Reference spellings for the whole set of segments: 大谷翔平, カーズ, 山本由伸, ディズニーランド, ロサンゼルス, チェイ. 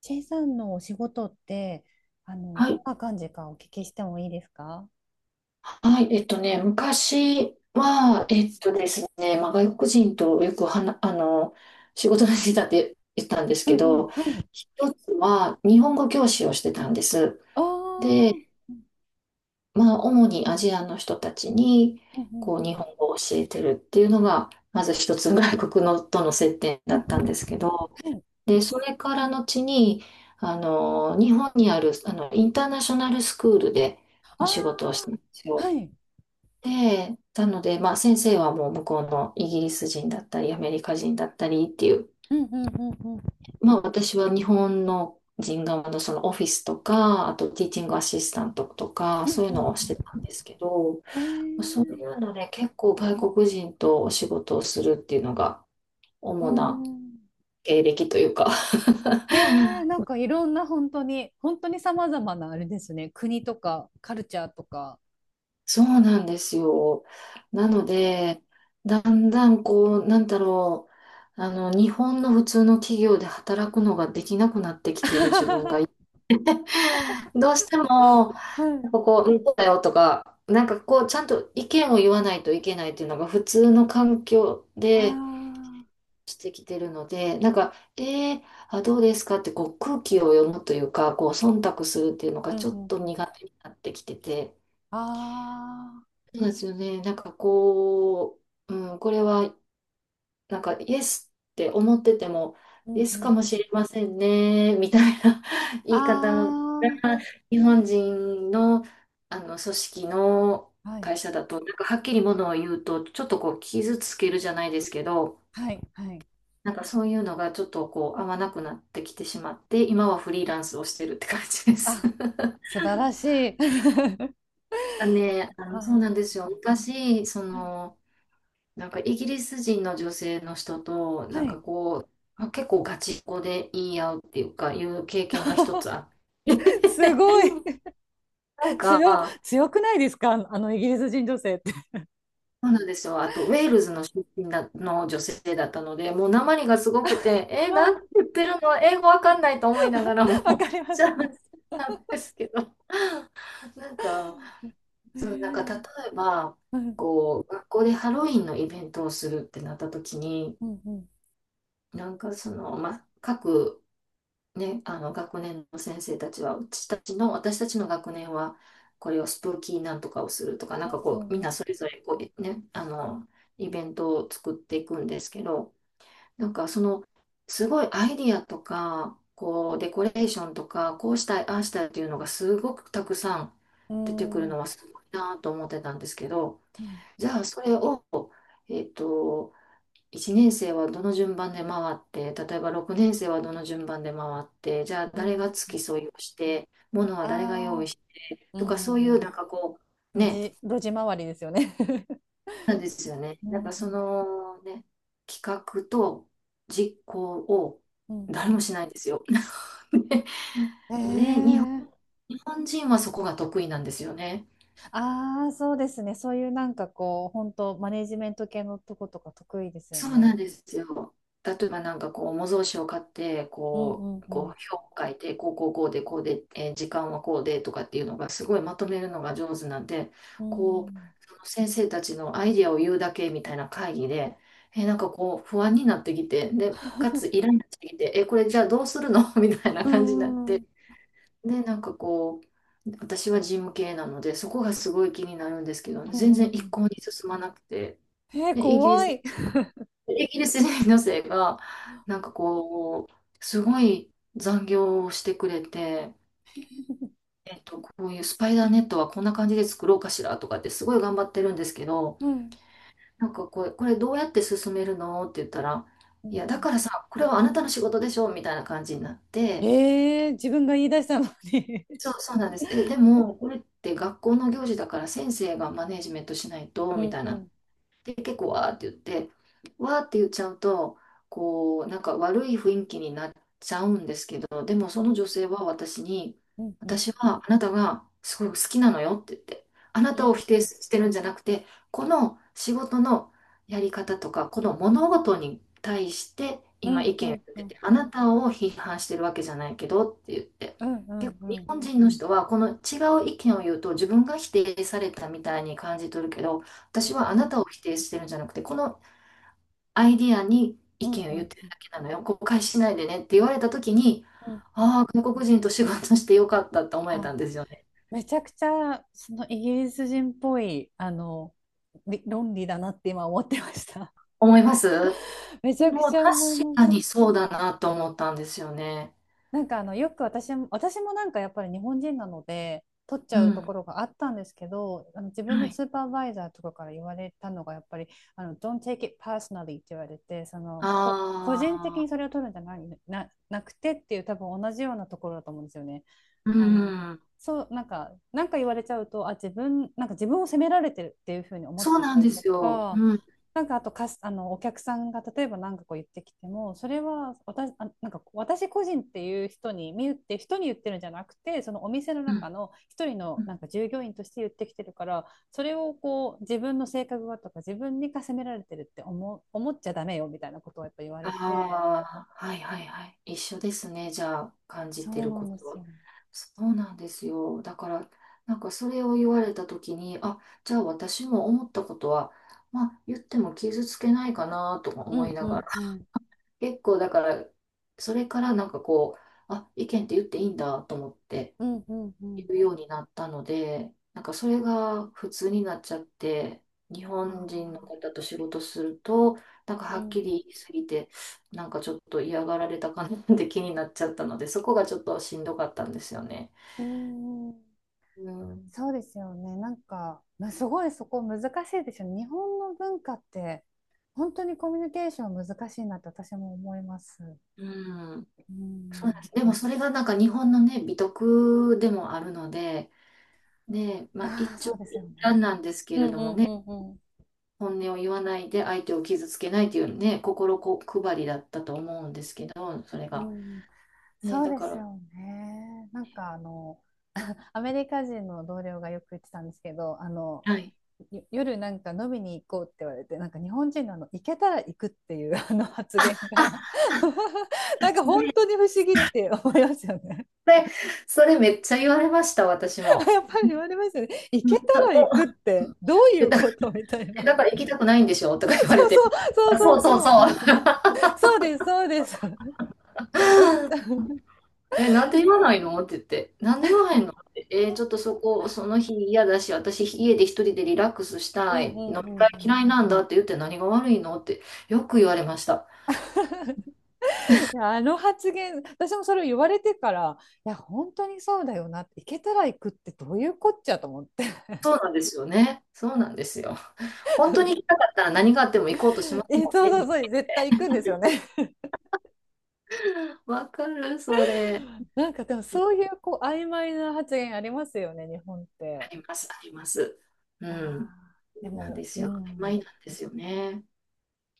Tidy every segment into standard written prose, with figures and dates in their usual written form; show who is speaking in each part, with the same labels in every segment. Speaker 1: チェイさんのお仕事って、
Speaker 2: は
Speaker 1: どん
Speaker 2: い、
Speaker 1: な感じかお聞きしてもいいですか？
Speaker 2: はい、昔は、えっとですね、まあ、外国人とよくはな、あの、仕事のしてたって言ったんです
Speaker 1: うん
Speaker 2: け
Speaker 1: うん、
Speaker 2: ど、
Speaker 1: はい。
Speaker 2: 一つは日本語教師をしてたんです。
Speaker 1: ああ、うん
Speaker 2: で、まあ、主にアジアの人たちに、
Speaker 1: うん
Speaker 2: こう、日本語を教えてるっていうのが、まず一つ外国のとの接点
Speaker 1: うん
Speaker 2: だ
Speaker 1: うん
Speaker 2: ったんです
Speaker 1: う
Speaker 2: けど、
Speaker 1: ん、はい。
Speaker 2: で、それから後に、日本にある、インターナショナルスクールでお仕事をした
Speaker 1: あ
Speaker 2: んです
Speaker 1: あ、
Speaker 2: よ。
Speaker 1: はい。
Speaker 2: で、なので、まあ先生はもう向こうのイギリス人だったり、アメリカ人だったりっていう、
Speaker 1: うんうんうんうん、
Speaker 2: まあ私は日本の人側のそのオフィスとか、あとティーチングアシスタントとか、
Speaker 1: うん
Speaker 2: そういう
Speaker 1: うん
Speaker 2: のをしてたんですけど、
Speaker 1: うん。
Speaker 2: そういうので結構外国人とお仕事をするっていうのが
Speaker 1: う
Speaker 2: 主な
Speaker 1: ん。
Speaker 2: 経歴というか
Speaker 1: えなんかいろんな本当に、本当に様々なあれですね、国とかカルチャーとか。
Speaker 2: そうなんですよ。なの
Speaker 1: ね。
Speaker 2: で、だんだんこう、日本の普通の企業で働くのができなくなってきている自分がいて、どうしても、
Speaker 1: はい。
Speaker 2: なんかこう、うんこうだよとか、なんかこう、ちゃんと意見を言わないといけないっていうのが普通の環境
Speaker 1: あ
Speaker 2: で
Speaker 1: あ、
Speaker 2: してきてるので、あ、どうですかってこう空気を読むというか、こう、忖度するっていうの
Speaker 1: う
Speaker 2: が
Speaker 1: ん
Speaker 2: ちょ
Speaker 1: う
Speaker 2: っ
Speaker 1: んう
Speaker 2: と
Speaker 1: ん。
Speaker 2: 苦手になってきてて、
Speaker 1: ああ、
Speaker 2: そうですよね。なんかこう、うん、これは、なんか、イエスって思ってても、
Speaker 1: う
Speaker 2: イ
Speaker 1: ん
Speaker 2: エス
Speaker 1: う
Speaker 2: か
Speaker 1: ん。
Speaker 2: もしれませんね、みたいな 言
Speaker 1: あ
Speaker 2: い方が、
Speaker 1: あ、
Speaker 2: 日本人の、組織の
Speaker 1: はい。
Speaker 2: 会社だと、なんかはっきりものを言うと、ちょっとこう、傷つけるじゃないですけど、
Speaker 1: はい。はい。
Speaker 2: なんかそういうのがちょっとこう、合わなくなってきてしまって、今はフリーランスをしてるって感じです。
Speaker 1: あ、素晴らしい。
Speaker 2: ね、
Speaker 1: あ
Speaker 2: そうなんです
Speaker 1: ー、
Speaker 2: よ。昔、その、なんかイギリス人の女性の人と、
Speaker 1: は
Speaker 2: なんか
Speaker 1: い。
Speaker 2: こう、結構ガチンコで言い合うっていうか、いう経験が一つあっ
Speaker 1: す
Speaker 2: て。
Speaker 1: ごい。
Speaker 2: なん
Speaker 1: 強、
Speaker 2: か、
Speaker 1: 強くないですかイギリス人女性って。
Speaker 2: そうなんですよ。あと、ウェールズの出身だの女性だったので、もう訛りがすごくて、え、なんて
Speaker 1: あ
Speaker 2: 言ってるの英語わかんないと思いながら
Speaker 1: ー。 わ
Speaker 2: も、
Speaker 1: かり ます。わ
Speaker 2: じゃ
Speaker 1: か
Speaker 2: あ、
Speaker 1: ります。
Speaker 2: なんですけど、なんか、
Speaker 1: う
Speaker 2: そう、なんか例
Speaker 1: ん。
Speaker 2: えば、
Speaker 1: うん。
Speaker 2: こう、学校でハロウィンのイベントをするってなった時に、
Speaker 1: うん。うん。
Speaker 2: なんかその、まあ、各ね、学年の先生たちは、うちたちの、私たちの学年は、これをスプーキーなんとかをするとか、なん
Speaker 1: う
Speaker 2: かこう、みん
Speaker 1: ん。
Speaker 2: なそれぞれこう、ね、イベントを作っていくんですけど、なんかその、すごいアイディアとか、こう、デコレーションとか、こうしたい、ああしたいっていうのがすごくたくさん
Speaker 1: う
Speaker 2: 出てくる
Speaker 1: ん。うん
Speaker 2: のはすごいなと思ってたんですけど、
Speaker 1: うん
Speaker 2: じゃあそれを、えっと、1年生はどの順番で回って、例えば6年生はどの順番で回って、じゃあ
Speaker 1: う
Speaker 2: 誰
Speaker 1: ん、
Speaker 2: が付き添いをして、物は誰が
Speaker 1: あ
Speaker 2: 用
Speaker 1: あ、
Speaker 2: 意して
Speaker 1: うん
Speaker 2: と
Speaker 1: う
Speaker 2: か、そういう
Speaker 1: ん
Speaker 2: なんかこう、
Speaker 1: うん。路
Speaker 2: ね、
Speaker 1: 地、路地周りですよね。
Speaker 2: なんですよね。
Speaker 1: う
Speaker 2: なんかそ
Speaker 1: ん。
Speaker 2: のね、企画と実行を
Speaker 1: うん。う
Speaker 2: 誰も
Speaker 1: ん。
Speaker 2: しないんですよ。
Speaker 1: え
Speaker 2: で、
Speaker 1: え、
Speaker 2: 日本人はそこが得意なんですよね。
Speaker 1: ああ、そうですね。そういうなんかこう、本当マネジメント系のとことか得意ですよ
Speaker 2: そうなん
Speaker 1: ね。
Speaker 2: ですよ。例えばなんかこう、模造紙を買って、
Speaker 1: うんう
Speaker 2: こ
Speaker 1: ん
Speaker 2: う、こう、
Speaker 1: うん。
Speaker 2: 表を書いて、こう、こう、こうで、こうで、えー時間はこうでとかっていうのが、すごいまとめるのが上手なんで、
Speaker 1: う
Speaker 2: こう、
Speaker 1: ん。
Speaker 2: その先生たちのアイディアを言うだけみたいな会議で、えーなんかこう、不安になってきて、で、かつイライラしてきて、えーこれじゃあどうするの みたいな
Speaker 1: うん
Speaker 2: 感じになっ
Speaker 1: うんう
Speaker 2: て、
Speaker 1: ん
Speaker 2: で、なんかこう、私は事務系なので、そこがすごい気になるんですけど、
Speaker 1: う
Speaker 2: 全
Speaker 1: ん
Speaker 2: 然一
Speaker 1: う
Speaker 2: 向に進まなくて、
Speaker 1: ん。
Speaker 2: で
Speaker 1: 怖い。
Speaker 2: イギリス人女性が、なんかこう、すごい残業をしてくれて、えっと、こういうスパイダーネットはこんな感じで作ろうかしらとかってすごい頑張ってるんですけど、
Speaker 1: うん
Speaker 2: これどうやって進めるのって言ったら、
Speaker 1: う
Speaker 2: い
Speaker 1: ん
Speaker 2: や、
Speaker 1: う
Speaker 2: だ
Speaker 1: ん。
Speaker 2: からさ、これはあなたの仕事でしょみたいな感じになって、
Speaker 1: 自分が言い出したのに。
Speaker 2: そうなんです。え、でも、これって学校の行事だから先生がマネージメントしないと、
Speaker 1: う
Speaker 2: み
Speaker 1: ん
Speaker 2: たい
Speaker 1: う
Speaker 2: な。
Speaker 1: ん
Speaker 2: で、結構わーって言って、わーって言っちゃうと、こう、なんか悪い雰囲気になっちゃうんですけど、でもその女性は私に、
Speaker 1: うんうん
Speaker 2: 私はあなたがすごい好きなのよって言って、あな
Speaker 1: う
Speaker 2: たを否定
Speaker 1: ん
Speaker 2: してるんじゃなくて、この仕事のやり方とか、この物事に対して
Speaker 1: う
Speaker 2: 今意
Speaker 1: んう
Speaker 2: 見を
Speaker 1: ん
Speaker 2: 言っ
Speaker 1: う
Speaker 2: て
Speaker 1: ん
Speaker 2: て、あなたを批判してるわけじゃないけどって言って。
Speaker 1: うんう
Speaker 2: 結
Speaker 1: ん
Speaker 2: 構
Speaker 1: う
Speaker 2: 日
Speaker 1: ん
Speaker 2: 本人の人はこの違う意見を言うと自分が否定されたみたいに感じ取るけど、私はあなたを否定してるんじゃなくて、このアイディアに
Speaker 1: う
Speaker 2: 意
Speaker 1: ん
Speaker 2: 見を
Speaker 1: う
Speaker 2: 言ってる
Speaker 1: ん
Speaker 2: だけなのよ。誤解しないでねって言われたときに、
Speaker 1: うん。
Speaker 2: ああ、外国人と仕事してよかったって思えたん
Speaker 1: あ、
Speaker 2: ですよね。
Speaker 1: めちゃくちゃそのイギリス人っぽい、あの、論理だなって今思ってました。
Speaker 2: 思います
Speaker 1: めち
Speaker 2: で
Speaker 1: ゃく
Speaker 2: もう
Speaker 1: ちゃ
Speaker 2: 確
Speaker 1: 思いま
Speaker 2: か
Speaker 1: す。
Speaker 2: にそうだなと思ったんですよね。
Speaker 1: なんかあのよく私も、なんかやっぱり日本人なので取っち
Speaker 2: う
Speaker 1: ゃうと
Speaker 2: ん。
Speaker 1: ころがあったんですけど、あの、自分
Speaker 2: は
Speaker 1: の
Speaker 2: い。
Speaker 1: スーパーバイザーとかから言われたのがやっぱり、あの、 Don't take it personally って言われて、その、こ個
Speaker 2: あ
Speaker 1: 人的
Speaker 2: あ、
Speaker 1: にそれを取るんじゃないな、なくてっていう、多分同じようなところだと思うんですよね。
Speaker 2: う
Speaker 1: あの、
Speaker 2: ん。
Speaker 1: そう、なんか言われちゃうと、あ、自分、なんか自分を責められてるっていうふうに思っ
Speaker 2: そ
Speaker 1: ち
Speaker 2: う
Speaker 1: ゃっ
Speaker 2: なん
Speaker 1: たり
Speaker 2: で
Speaker 1: と
Speaker 2: すよ。
Speaker 1: か、
Speaker 2: うん。
Speaker 1: なんかあと、かす、あの、お客さんが例えば何かこう言ってきても、それは私、あ、なんか私個人っていう人に、見ゆって人に言ってるんじゃなくて、そのお店の
Speaker 2: うん。
Speaker 1: 中の一人のなんか従業員として言ってきてるから、それをこう自分の性格がとか自分にか責められてるって思う、思っちゃダメよみたいなことをやっぱ言われて、
Speaker 2: ああ、はいはいはい。一緒ですね。じゃあ、感
Speaker 1: そ
Speaker 2: じて
Speaker 1: う
Speaker 2: る
Speaker 1: な
Speaker 2: こ
Speaker 1: んで
Speaker 2: と
Speaker 1: す
Speaker 2: は。
Speaker 1: よ。
Speaker 2: そうなんですよ。だから、なんかそれを言われたときに、あ、じゃあ私も思ったことは、まあ言っても傷つけないかなとか
Speaker 1: う
Speaker 2: 思
Speaker 1: ん
Speaker 2: い
Speaker 1: う
Speaker 2: なが
Speaker 1: ん
Speaker 2: ら、
Speaker 1: うん。
Speaker 2: 結構だから、それからなんかこう、あ、意見って言っていいんだと思って、
Speaker 1: うんうんう
Speaker 2: 言
Speaker 1: ん。
Speaker 2: うようになったので、なんかそれが普通になっちゃって、日本人の
Speaker 1: あ、
Speaker 2: 方と仕事すると、なんか
Speaker 1: う
Speaker 2: はっき
Speaker 1: ん、
Speaker 2: り言いすぎて、なんかちょっと嫌がられたかなって気になっちゃったので、そこがちょっとしんどかったんですよね。
Speaker 1: うーん、
Speaker 2: うん。
Speaker 1: そうですよね。なんか、まあ、すごいそこ難しいでしょ、日本の文化って。本当にコミュニケーション難しいなって私も思います。
Speaker 2: うん。
Speaker 1: う
Speaker 2: そうなんで
Speaker 1: ん。
Speaker 2: す。でもそれがなんか日本のね、美徳でもあるので、ね、まあ
Speaker 1: あ
Speaker 2: 一
Speaker 1: あ、
Speaker 2: 長
Speaker 1: そうですよ
Speaker 2: 一短
Speaker 1: ね。
Speaker 2: なんですけ
Speaker 1: う
Speaker 2: れ
Speaker 1: んう
Speaker 2: ども
Speaker 1: んう
Speaker 2: ね、
Speaker 1: んうん。
Speaker 2: 本音を言わないで相手を傷つけないというね、心こ配りだったと思うんですけど、それ
Speaker 1: う
Speaker 2: が。
Speaker 1: ん、
Speaker 2: ねえ、
Speaker 1: そう
Speaker 2: だ
Speaker 1: で
Speaker 2: か
Speaker 1: す
Speaker 2: ら、
Speaker 1: よね。なんかあの、アメリカ人の同僚がよく言ってたんですけど、あの、
Speaker 2: はい。
Speaker 1: 夜なんか飲みに行こうって言われて、なんか日本人のあの、行けたら行くっていう あの発言が
Speaker 2: あ、
Speaker 1: なんか
Speaker 2: そ
Speaker 1: 本
Speaker 2: れ、
Speaker 1: 当に不思議って思いますよね。
Speaker 2: それめっちゃ言われました、私 も。
Speaker 1: やっぱり言われますよね。行けたら行く
Speaker 2: だ、
Speaker 1: ってどうい
Speaker 2: え
Speaker 1: う
Speaker 2: だ
Speaker 1: ことみたいな。
Speaker 2: えだから 行きたくないんでしょとか言われ
Speaker 1: そうそ
Speaker 2: て。
Speaker 1: う、そう
Speaker 2: あ、
Speaker 1: そ
Speaker 2: そ
Speaker 1: う
Speaker 2: うそうそ
Speaker 1: そ
Speaker 2: う。
Speaker 1: う。そうです、そうです。 おっしゃる。
Speaker 2: え、なんで言わないのって言って。なんで言わへんのって。えちょっとそこ、その日嫌だし、私家で一人でリラックスし
Speaker 1: う
Speaker 2: た
Speaker 1: んう
Speaker 2: い。飲
Speaker 1: ん
Speaker 2: み
Speaker 1: うん
Speaker 2: 会
Speaker 1: うん。
Speaker 2: 嫌いなんだって言って何が悪いのってよく言われました。
Speaker 1: いや、あの発言私もそれを言われてから、いや本当にそうだよなって、行けたら行くってどういうこっちゃと思って。
Speaker 2: そうなんですよね。そうなんですよ。本当に行きたかったら何があっても行こうとしま す
Speaker 1: え、
Speaker 2: も
Speaker 1: そ
Speaker 2: ん
Speaker 1: うそう
Speaker 2: ね。
Speaker 1: そう、絶対行くんですよね。
Speaker 2: わかる、それ。
Speaker 1: なんかでもそういうこう曖昧な発言ありますよね、日本って。
Speaker 2: あります、あります。うん。
Speaker 1: あー、で
Speaker 2: なん
Speaker 1: も、
Speaker 2: です
Speaker 1: う
Speaker 2: よ。曖
Speaker 1: ん。
Speaker 2: 昧なんですよね。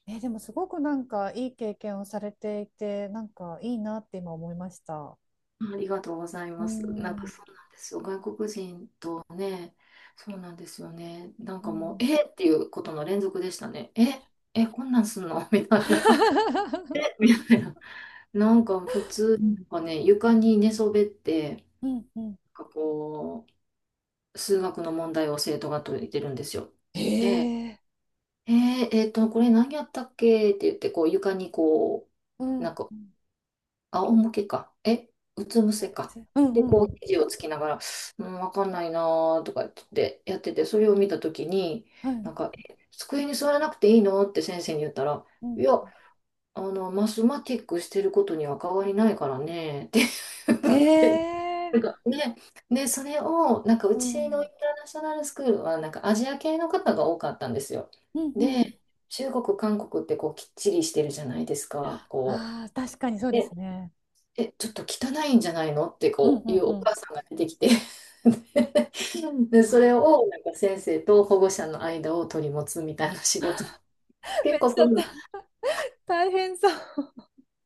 Speaker 1: え、でもすごくなんかいい経験をされていて、なんかいいなって今思いました。
Speaker 2: ありがとうござい
Speaker 1: う
Speaker 2: ます。なんか
Speaker 1: ん
Speaker 2: そうなんですよ。外国人とね、そうなんですよね。なん
Speaker 1: う
Speaker 2: かもう、
Speaker 1: ん。
Speaker 2: えっていうことの連続でしたね。え、え、こんなんすんの みたいな。みたいな。なんか普通、なんかね、床に寝そべって、なん
Speaker 1: うんうん、
Speaker 2: かこう、数学の問題を生徒が解いてるんですよ。
Speaker 1: へ
Speaker 2: で、
Speaker 1: え、
Speaker 2: えこれ何やったっけって言って、こう床にこ
Speaker 1: う
Speaker 2: う、
Speaker 1: ん
Speaker 2: なんか
Speaker 1: うん
Speaker 2: 仰向けか。え、うつ伏せか。
Speaker 1: うんう
Speaker 2: で、
Speaker 1: んう
Speaker 2: こう、
Speaker 1: ん、
Speaker 2: 肘をつきながら、うん、わかんないなーとか言ってやってて、それを見たときに、
Speaker 1: はい、
Speaker 2: なんか、え机に座らなくていいのって先生に言ったら、
Speaker 1: う
Speaker 2: い
Speaker 1: ん、
Speaker 2: や、マスマティックしてることには変わりないからね、って 言って
Speaker 1: ええ、
Speaker 2: なんかね、で、それを、なんか、う
Speaker 1: う
Speaker 2: ちのイ
Speaker 1: ん。
Speaker 2: ンターナショナルスクールは、なんか、アジア系の方が多かったんですよ。
Speaker 1: うんうん。
Speaker 2: で、中国、韓国って、こう、きっちりしてるじゃないですか。こう。
Speaker 1: ああ、確かにそうで
Speaker 2: で
Speaker 1: すね。
Speaker 2: え、ちょっと汚いんじゃないのって
Speaker 1: うん
Speaker 2: こ
Speaker 1: う
Speaker 2: うい
Speaker 1: ん
Speaker 2: う
Speaker 1: う
Speaker 2: お
Speaker 1: ん。
Speaker 2: 母さんが出てきて で、
Speaker 1: あ
Speaker 2: それをなんか先生と保護者の間を取り持つみたいな仕事。
Speaker 1: ー、め
Speaker 2: 結
Speaker 1: っ
Speaker 2: 構
Speaker 1: ち
Speaker 2: そ
Speaker 1: ゃ
Speaker 2: う
Speaker 1: た
Speaker 2: な、
Speaker 1: 大変そう。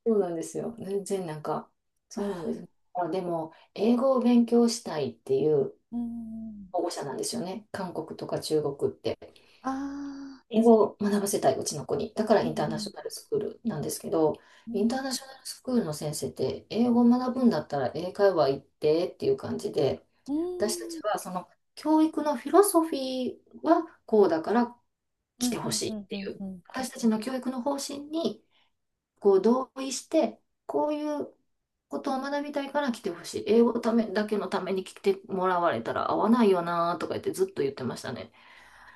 Speaker 2: そうなんですよ。全然なんか、そうなんです。あ、でも、英語を勉強したいっていう
Speaker 1: うん、
Speaker 2: 保護者なんですよね。韓国とか中国って。
Speaker 1: あ
Speaker 2: 英語を学ばせたい、うちの子に。だか
Speaker 1: あ
Speaker 2: ら
Speaker 1: ー、
Speaker 2: イン
Speaker 1: う
Speaker 2: ター
Speaker 1: ん
Speaker 2: ナ
Speaker 1: うん
Speaker 2: ショナルスクールなんですけど、
Speaker 1: う
Speaker 2: インタ
Speaker 1: ん。
Speaker 2: ーナショナルスクールの先生って、英語を学ぶんだったら英会話行ってっていう感じで、
Speaker 1: う
Speaker 2: 私た
Speaker 1: ん。
Speaker 2: ちはその教育のフィロソフィーはこうだから
Speaker 1: う
Speaker 2: 来て
Speaker 1: んう
Speaker 2: ほ
Speaker 1: ん
Speaker 2: しい
Speaker 1: う
Speaker 2: っ
Speaker 1: ん
Speaker 2: て
Speaker 1: う
Speaker 2: い
Speaker 1: ん
Speaker 2: う、
Speaker 1: うん。
Speaker 2: 私たちの教育の方針にこう同意して、こういうことを学びたいから来てほしい。英語ためだけのために来てもらわれたら合わないよなとか言ってずっと言ってましたね。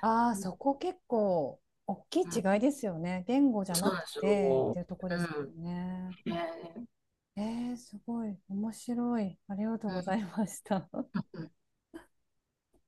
Speaker 1: ああ、
Speaker 2: うん、
Speaker 1: そこ結構大きい
Speaker 2: う
Speaker 1: 違い
Speaker 2: ん
Speaker 1: ですよね。言語じゃ
Speaker 2: そ
Speaker 1: な
Speaker 2: うなん
Speaker 1: く
Speaker 2: です
Speaker 1: てって
Speaker 2: よ。
Speaker 1: いうとこ
Speaker 2: う
Speaker 1: です
Speaker 2: ん。
Speaker 1: もんね。
Speaker 2: えー
Speaker 1: えすごい面白い。ありがとう
Speaker 2: う
Speaker 1: ご
Speaker 2: ん
Speaker 1: ざいました。